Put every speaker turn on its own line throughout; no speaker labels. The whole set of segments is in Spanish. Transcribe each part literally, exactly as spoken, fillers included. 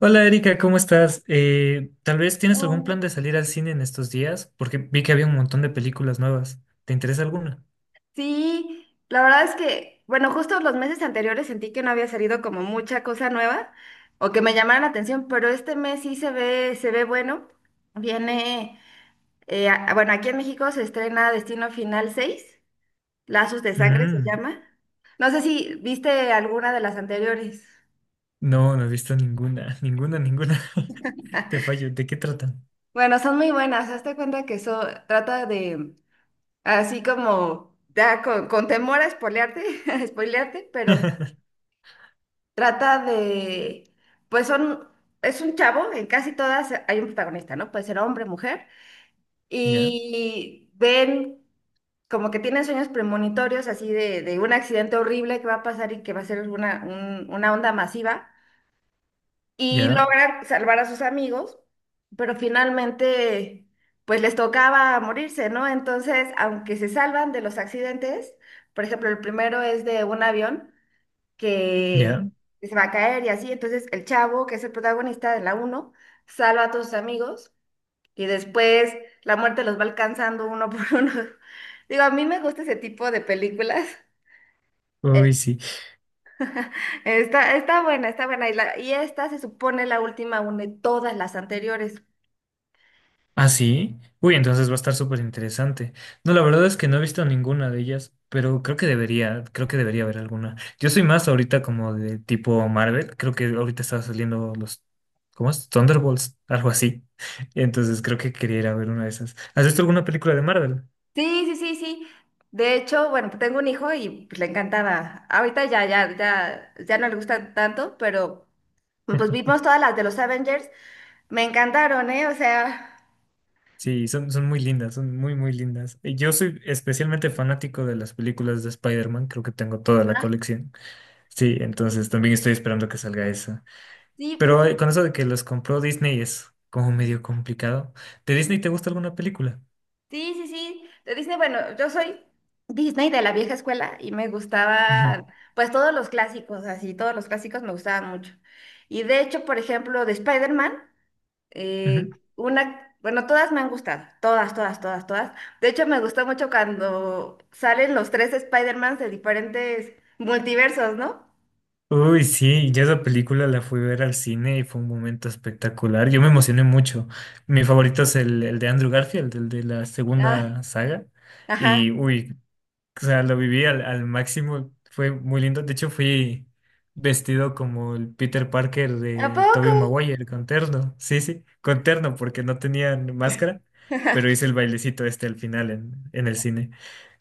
Hola Erika, ¿cómo estás? Eh, tal vez tienes algún
Oh.
plan de salir al cine en estos días, porque vi que había un montón de películas nuevas. ¿Te interesa alguna?
Sí, la verdad es que, bueno, justo los meses anteriores sentí que no había salido como mucha cosa nueva o que me llamara la atención, pero este mes sí se ve, se ve bueno. Viene, eh, a- bueno, aquí en México se estrena Destino Final seis, Lazos de Sangre se
Mm,
llama. No sé si viste alguna de las anteriores.
no, no he visto ninguna, ninguna, ninguna. Te fallo, ¿de qué tratan?
Bueno, son muy buenas. Hazte cuenta que eso trata de, así como, ya con, con temor a spoilearte, a spoilearte, pero trata de, pues son, es un chavo, en casi todas hay un protagonista, ¿no? Puede ser hombre, mujer,
Ya,
y ven como que tienen sueños premonitorios así de, de un accidente horrible que va a pasar y que va a ser una, un- una onda masiva, y
ya,
logran salvar a sus amigos, pero finalmente, pues les tocaba morirse, ¿no? Entonces, aunque se salvan de los accidentes, por ejemplo, el primero es de un avión que
ya.
que se va a caer y así. Entonces el chavo, que es el protagonista de la uno, salva a todos sus amigos y después la muerte los va alcanzando uno por uno. Digo, a mí me gusta ese tipo de películas. Eh,
Uy, sí.
Está, está buena, está buena. Y, la- y esta se supone la última une todas las anteriores.
Ah, sí. Uy, entonces va a estar súper interesante. No, la verdad es que no he visto ninguna de ellas, pero creo que debería, creo que debería haber alguna. Yo soy más ahorita como de tipo Marvel, creo que ahorita estaba saliendo los, ¿cómo es? Thunderbolts, algo así. Entonces creo que quería ir a ver una de esas. ¿Has visto alguna película de Marvel?
Sí, sí, sí, sí. De hecho, bueno, pues tengo un hijo y pues, le encantaba. Ahorita ya, ya, ya, ya no le gusta tanto, pero pues vimos todas las de los Avengers. Me encantaron, ¿eh? O sea,
Sí, son, son muy lindas, son muy, muy lindas. Y Yo soy especialmente fanático de las películas de Spider-Man, creo que tengo toda la colección. Sí, entonces también estoy esperando que salga esa.
sí,
Pero eh, con eso de que los compró Disney es como medio complicado. ¿De Disney te gusta alguna película?
sí, sí, sí. De Disney, bueno, yo soy Disney de la vieja escuela y me
Ujú,
gustaban, pues todos los clásicos, así, todos los clásicos me gustaban mucho. Y de hecho, por ejemplo, de Spider-Man.
ujú.
Eh, una, bueno, todas me han gustado, todas, todas, todas, todas. De hecho, me gustó mucho cuando salen los tres Spider-Mans de diferentes multiversos, ¿no?
Uy, sí, yo esa película la fui a ver al cine y fue un momento espectacular. Yo me emocioné mucho. Mi favorito es el, el de Andrew Garfield, el de la
Ah,
segunda saga.
ajá.
Y uy, O sea, lo viví al, al máximo, fue muy lindo. De hecho, fui vestido como el Peter Parker
¿A
de Tobey
poco?
Maguire, con terno. Sí, sí, con terno, porque no tenían máscara, pero hice el bailecito este al final en, en el cine.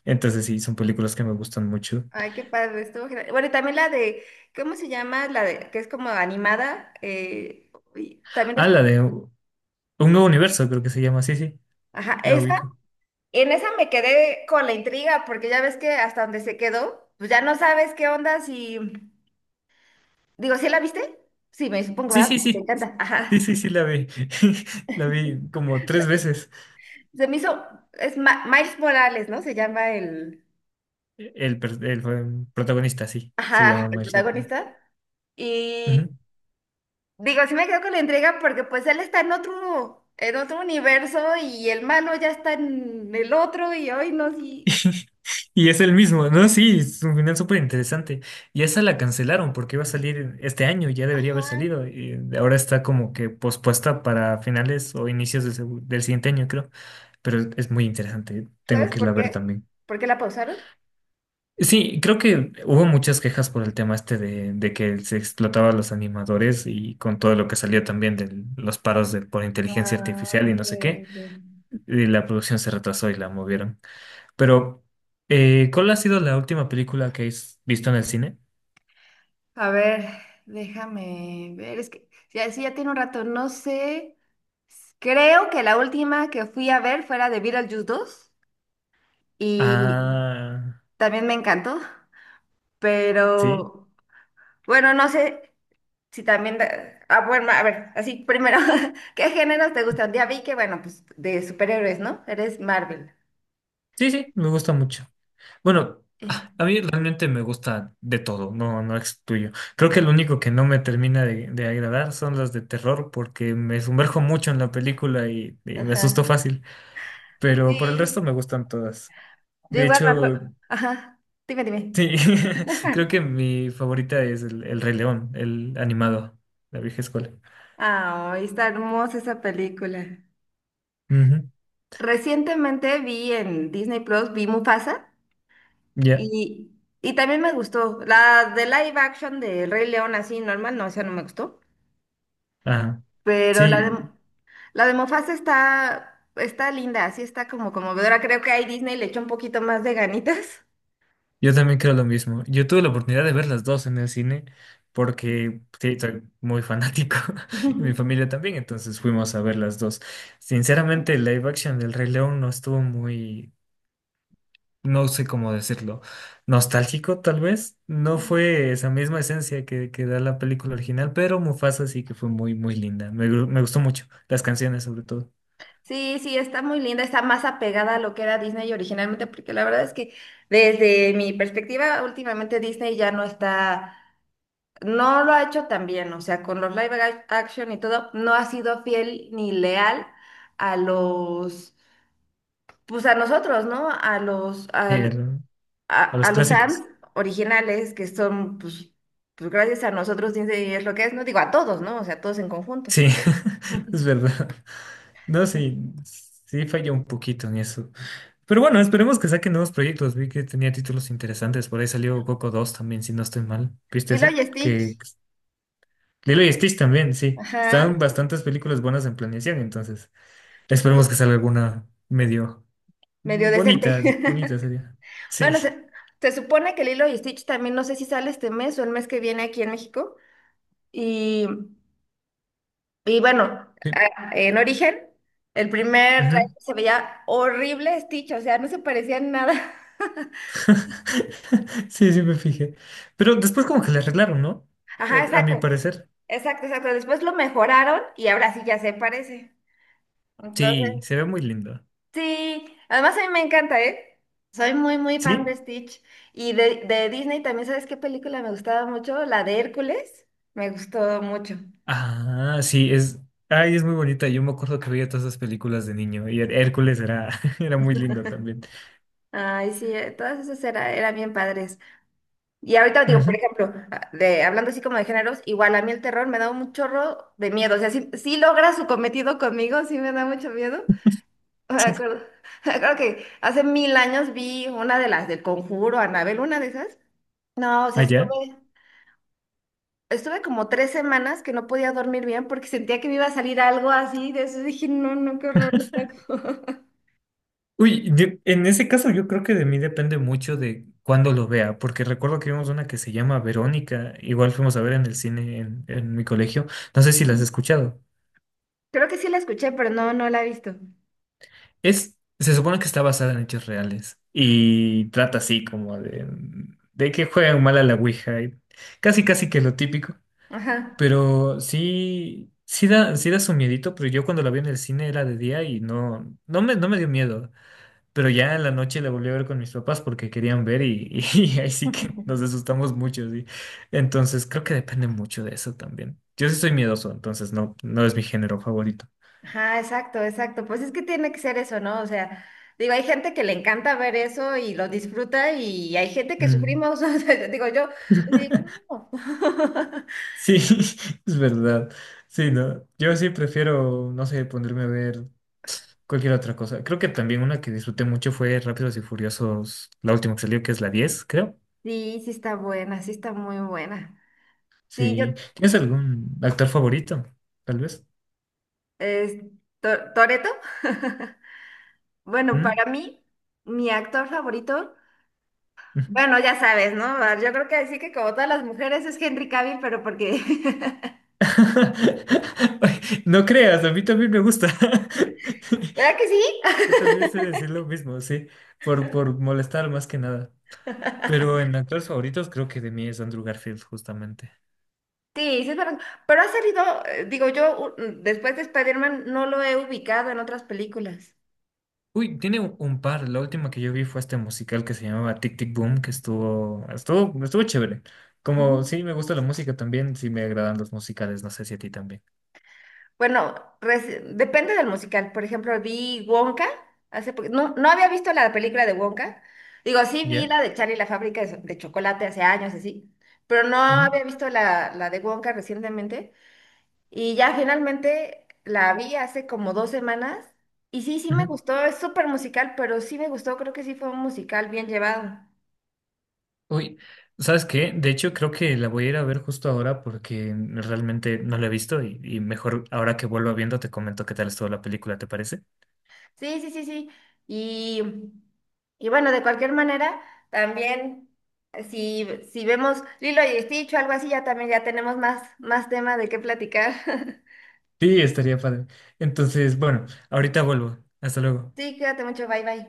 Entonces, sí, son películas que me gustan mucho.
Ay, qué padre, estuvo genial. Bueno, y también la de, ¿cómo se llama? La de, que es como animada. Eh, y también,
Ah,
es-
la de Un Nuevo Universo, creo que se llama. Sí, sí,
ajá,
la
esa,
ubico.
en esa me quedé con la intriga, porque ya ves que hasta donde se quedó, pues ya no sabes qué onda si... Digo, ¿sí la viste? Sí, me supongo,
Sí,
¿verdad?
sí,
Te
sí,
encanta.
sí,
Ajá.
sí, sí, la vi. La vi como tres
Bueno,
veces.
se me hizo, es Ma- Miles Morales, ¿no? Se llama el,
El, per- el protagonista, sí, se
ajá,
llama
el
Miles Morales.
protagonista. Y
Ujú.
digo, sí me quedo con la entrega porque pues él está en otro, en otro universo y el malo ya está en el otro y hoy no, sí.
Y es el mismo, ¿no? Sí, es un final súper interesante. Y esa la cancelaron porque iba a salir este año, ya debería haber
Ajá.
salido. Y ahora está como que pospuesta para finales o inicios del, segu- del siguiente año, creo. Pero es es muy interesante, tengo
¿Sabes
que irla
por
a ver
qué?
también.
¿Por qué la pausaron?
Sí, creo que hubo muchas quejas por el tema este de, de que se explotaba a los animadores y con todo lo que salió también de los paros de, por inteligencia
Ah,
artificial y
ok,
no sé qué,
ok.
y la producción se retrasó y la movieron. Pero, eh, ¿cuál ha sido la última película que has visto en el cine?
A ver, déjame ver, es que ya, sí, ya tiene un rato, no sé. Creo que la última que fui a ver fue la de Beetlejuice dos y
Ah,
también me encantó,
sí.
pero bueno, no sé si también... da- Ah, bueno, a ver, así primero, ¿qué géneros te gustan? Ya vi que, bueno, pues de superhéroes, ¿no? Eres Marvel.
Sí, sí, me gusta mucho. Bueno,
Eh,
ah, a mí realmente me gusta de todo, no, no excluyo. Creo que lo único que no me termina de, de agradar son las de terror, porque me sumerjo mucho en la película y, y me asusto
Ajá.
fácil. Pero por el resto
Sí,
me gustan todas.
yo
De
igual me
hecho,
acuerdo. Ajá, dime, dime.
sí, creo que mi favorita es el, el Rey León, el animado, la vieja escuela.
Ay, está hermosa esa película.
Ujú.
Recientemente vi en Disney Plus, vi Mufasa.
Ya.
Y, y también me gustó. La de live action de Rey León, así normal, no, esa no me gustó.
Ajá.
Pero la
Sí,
de, la de Mufasa está, está linda, así está como conmovedora. Creo que ahí Disney le echó un poquito más de ganitas.
yo también creo lo mismo. Yo tuve la oportunidad de ver las dos en el cine porque sí, soy muy fanático y mi familia también, entonces fuimos a ver las dos. Sinceramente, el live action del Rey León no estuvo muy, no sé cómo decirlo, nostálgico tal vez. No fue esa misma esencia que, que da la película original, pero Mufasa sí que fue muy, muy linda. Me, gu- me gustó mucho, las canciones sobre todo.
Sí, sí, está muy linda, está más apegada a lo que era Disney originalmente, porque la verdad es que desde mi perspectiva, últimamente Disney ya no está, no lo ha hecho tan bien, o sea, con los live ac- action y todo, no ha sido fiel ni leal a los, pues a nosotros, ¿no? A los, al-
Eh, a
a, a
los
los fans
clásicos.
originales que son, pues, pues gracias a nosotros Disney es lo que es, no digo a todos, ¿no? O sea, todos en conjunto.
Sí, es verdad. No, sí, sí falló un poquito en eso. Pero bueno, esperemos que saquen nuevos proyectos. Vi que tenía títulos interesantes. Por ahí salió Coco dos también, si no estoy mal. ¿Viste
Lilo
eso?
y
Que
Stitch,
Lilo y Stitch también, sí. Estaban
ajá,
bastantes películas buenas en planeación, entonces esperemos que salga alguna medio
medio decente.
bonita, bonita sería. Sí.
Bueno, se, se supone que Lilo y Stitch también, no sé si sale este mes o el mes que viene aquí en México. Y, y bueno,
Sí.
a- en origen, el primer trailer
Ujú.
se veía horrible Stitch, o sea, no se parecía en nada.
Sí, sí me fijé. Pero después como que le arreglaron, ¿no?
Ajá,
Eh, A mi
exacto.
parecer.
Exacto, exacto. Después lo mejoraron y ahora sí ya se parece. Entonces,
Sí, se ve muy lindo.
sí, además a mí me encanta, ¿eh? Soy muy, muy fan de
¿Sí?
Stitch. Y de, de Disney también, ¿sabes qué película me gustaba mucho? La de Hércules. Me gustó mucho.
Ah, sí, es, ay, es muy bonita. Yo me acuerdo que veía todas esas películas de niño y Her- Hércules era, era muy lindo también.
Ay, sí, eh, todas esas era- eran bien padres. Y ahorita digo, por
Ujú,
ejemplo, ah, de, hablando así como de géneros, igual a mí el terror me da un chorro de miedo. O sea, sí, sí logra su cometido conmigo, sí me da mucho miedo. Me
sí.
acuerdo, me acuerdo que hace mil años vi una de las del Conjuro, Anabel, una de esas. No, o sea,
Allá.
estuve, estuve como tres semanas que no podía dormir bien porque sentía que me iba a salir algo así. De eso dije, no, no, qué horror.
Uy, de- en ese caso yo creo que de mí depende mucho de cuándo lo vea, porque recuerdo que vimos una que se llama Verónica, igual fuimos a ver en el cine en, en mi colegio. No sé si la has escuchado.
Creo que sí la escuché, pero no, no la he visto.
Es, se supone que está basada en hechos reales y trata así como de, de que juegan mal a la Ouija y casi casi que lo típico.
Ajá.
Pero sí, sí da, sí da su miedito, pero yo cuando la vi en el cine era de día y no, no me, no me dio miedo. Pero ya en la noche la volví a ver con mis papás porque querían ver y, y ahí sí que nos asustamos mucho, sí. Entonces creo que depende mucho de eso también. Yo sí soy miedoso, entonces no, no es mi género favorito.
Ajá, exacto, exacto. Pues es que tiene que ser eso, ¿no? O sea, digo, hay gente que le encanta ver eso y lo disfruta y hay gente que
Mm.
sufrimos. O sea, digo, yo digo, no.
Sí, es verdad. Sí, no. Yo sí prefiero, no sé, ponerme a ver cualquier otra cosa. Creo que también una que disfruté mucho fue Rápidos y Furiosos, la última que salió, que es la diez creo.
Sí, sí está buena, sí está muy buena. Sí, yo,
Sí. ¿Tienes algún actor favorito? Tal vez.
es, To- Toretto. Bueno,
¿Mm?
para mí, mi actor favorito,
Ujú.
bueno, ya sabes, ¿no? Ah, Yo creo que decir que como todas las mujeres es Henry Cavill, pero porque...
Ay, no creas, a mí también me gusta.
¿Verdad que sí?
Yo también sé decir lo mismo, sí, por, por molestar más que nada. Pero en actores favoritos creo que de mí es Andrew Garfield, justamente.
Sí, sí es verdad. Pero ha salido, eh, digo, yo u- después de Spider-Man no lo he ubicado en otras películas.
Uy, tiene un un par. La última que yo vi fue este musical que se llamaba Tic Tic Boom, que estuvo, estuvo, estuvo chévere. Como sí me gusta la música también, sí me agradan los musicales, no sé si a ti también.
Bueno, reci- depende del musical. Por ejemplo, vi Wonka hace poqu- no, no había visto la película de Wonka. Digo, sí vi
¿Ya?
la de Charlie y la fábrica de, so- de chocolate hace años, así. Pero no
Ujú,
había visto la, la de Wonka recientemente. Y ya finalmente la vi hace como dos semanas. Y sí, sí me
ujú.
gustó. Es súper musical, pero sí me gustó. Creo que sí fue un musical bien llevado.
Uy, ¿sabes qué? De hecho, creo que la voy a ir a ver justo ahora porque realmente no la he visto y, y mejor ahora que vuelvo viendo te comento qué tal estuvo la película, ¿te parece?
Sí, sí, sí, sí. Y, y bueno, de cualquier manera, también eh, si, si vemos Lilo y Stitch o algo así, ya también ya tenemos más, más tema de qué platicar.
Sí, estaría padre. Entonces, bueno, ahorita vuelvo. Hasta luego.
Sí, cuídate mucho, bye bye.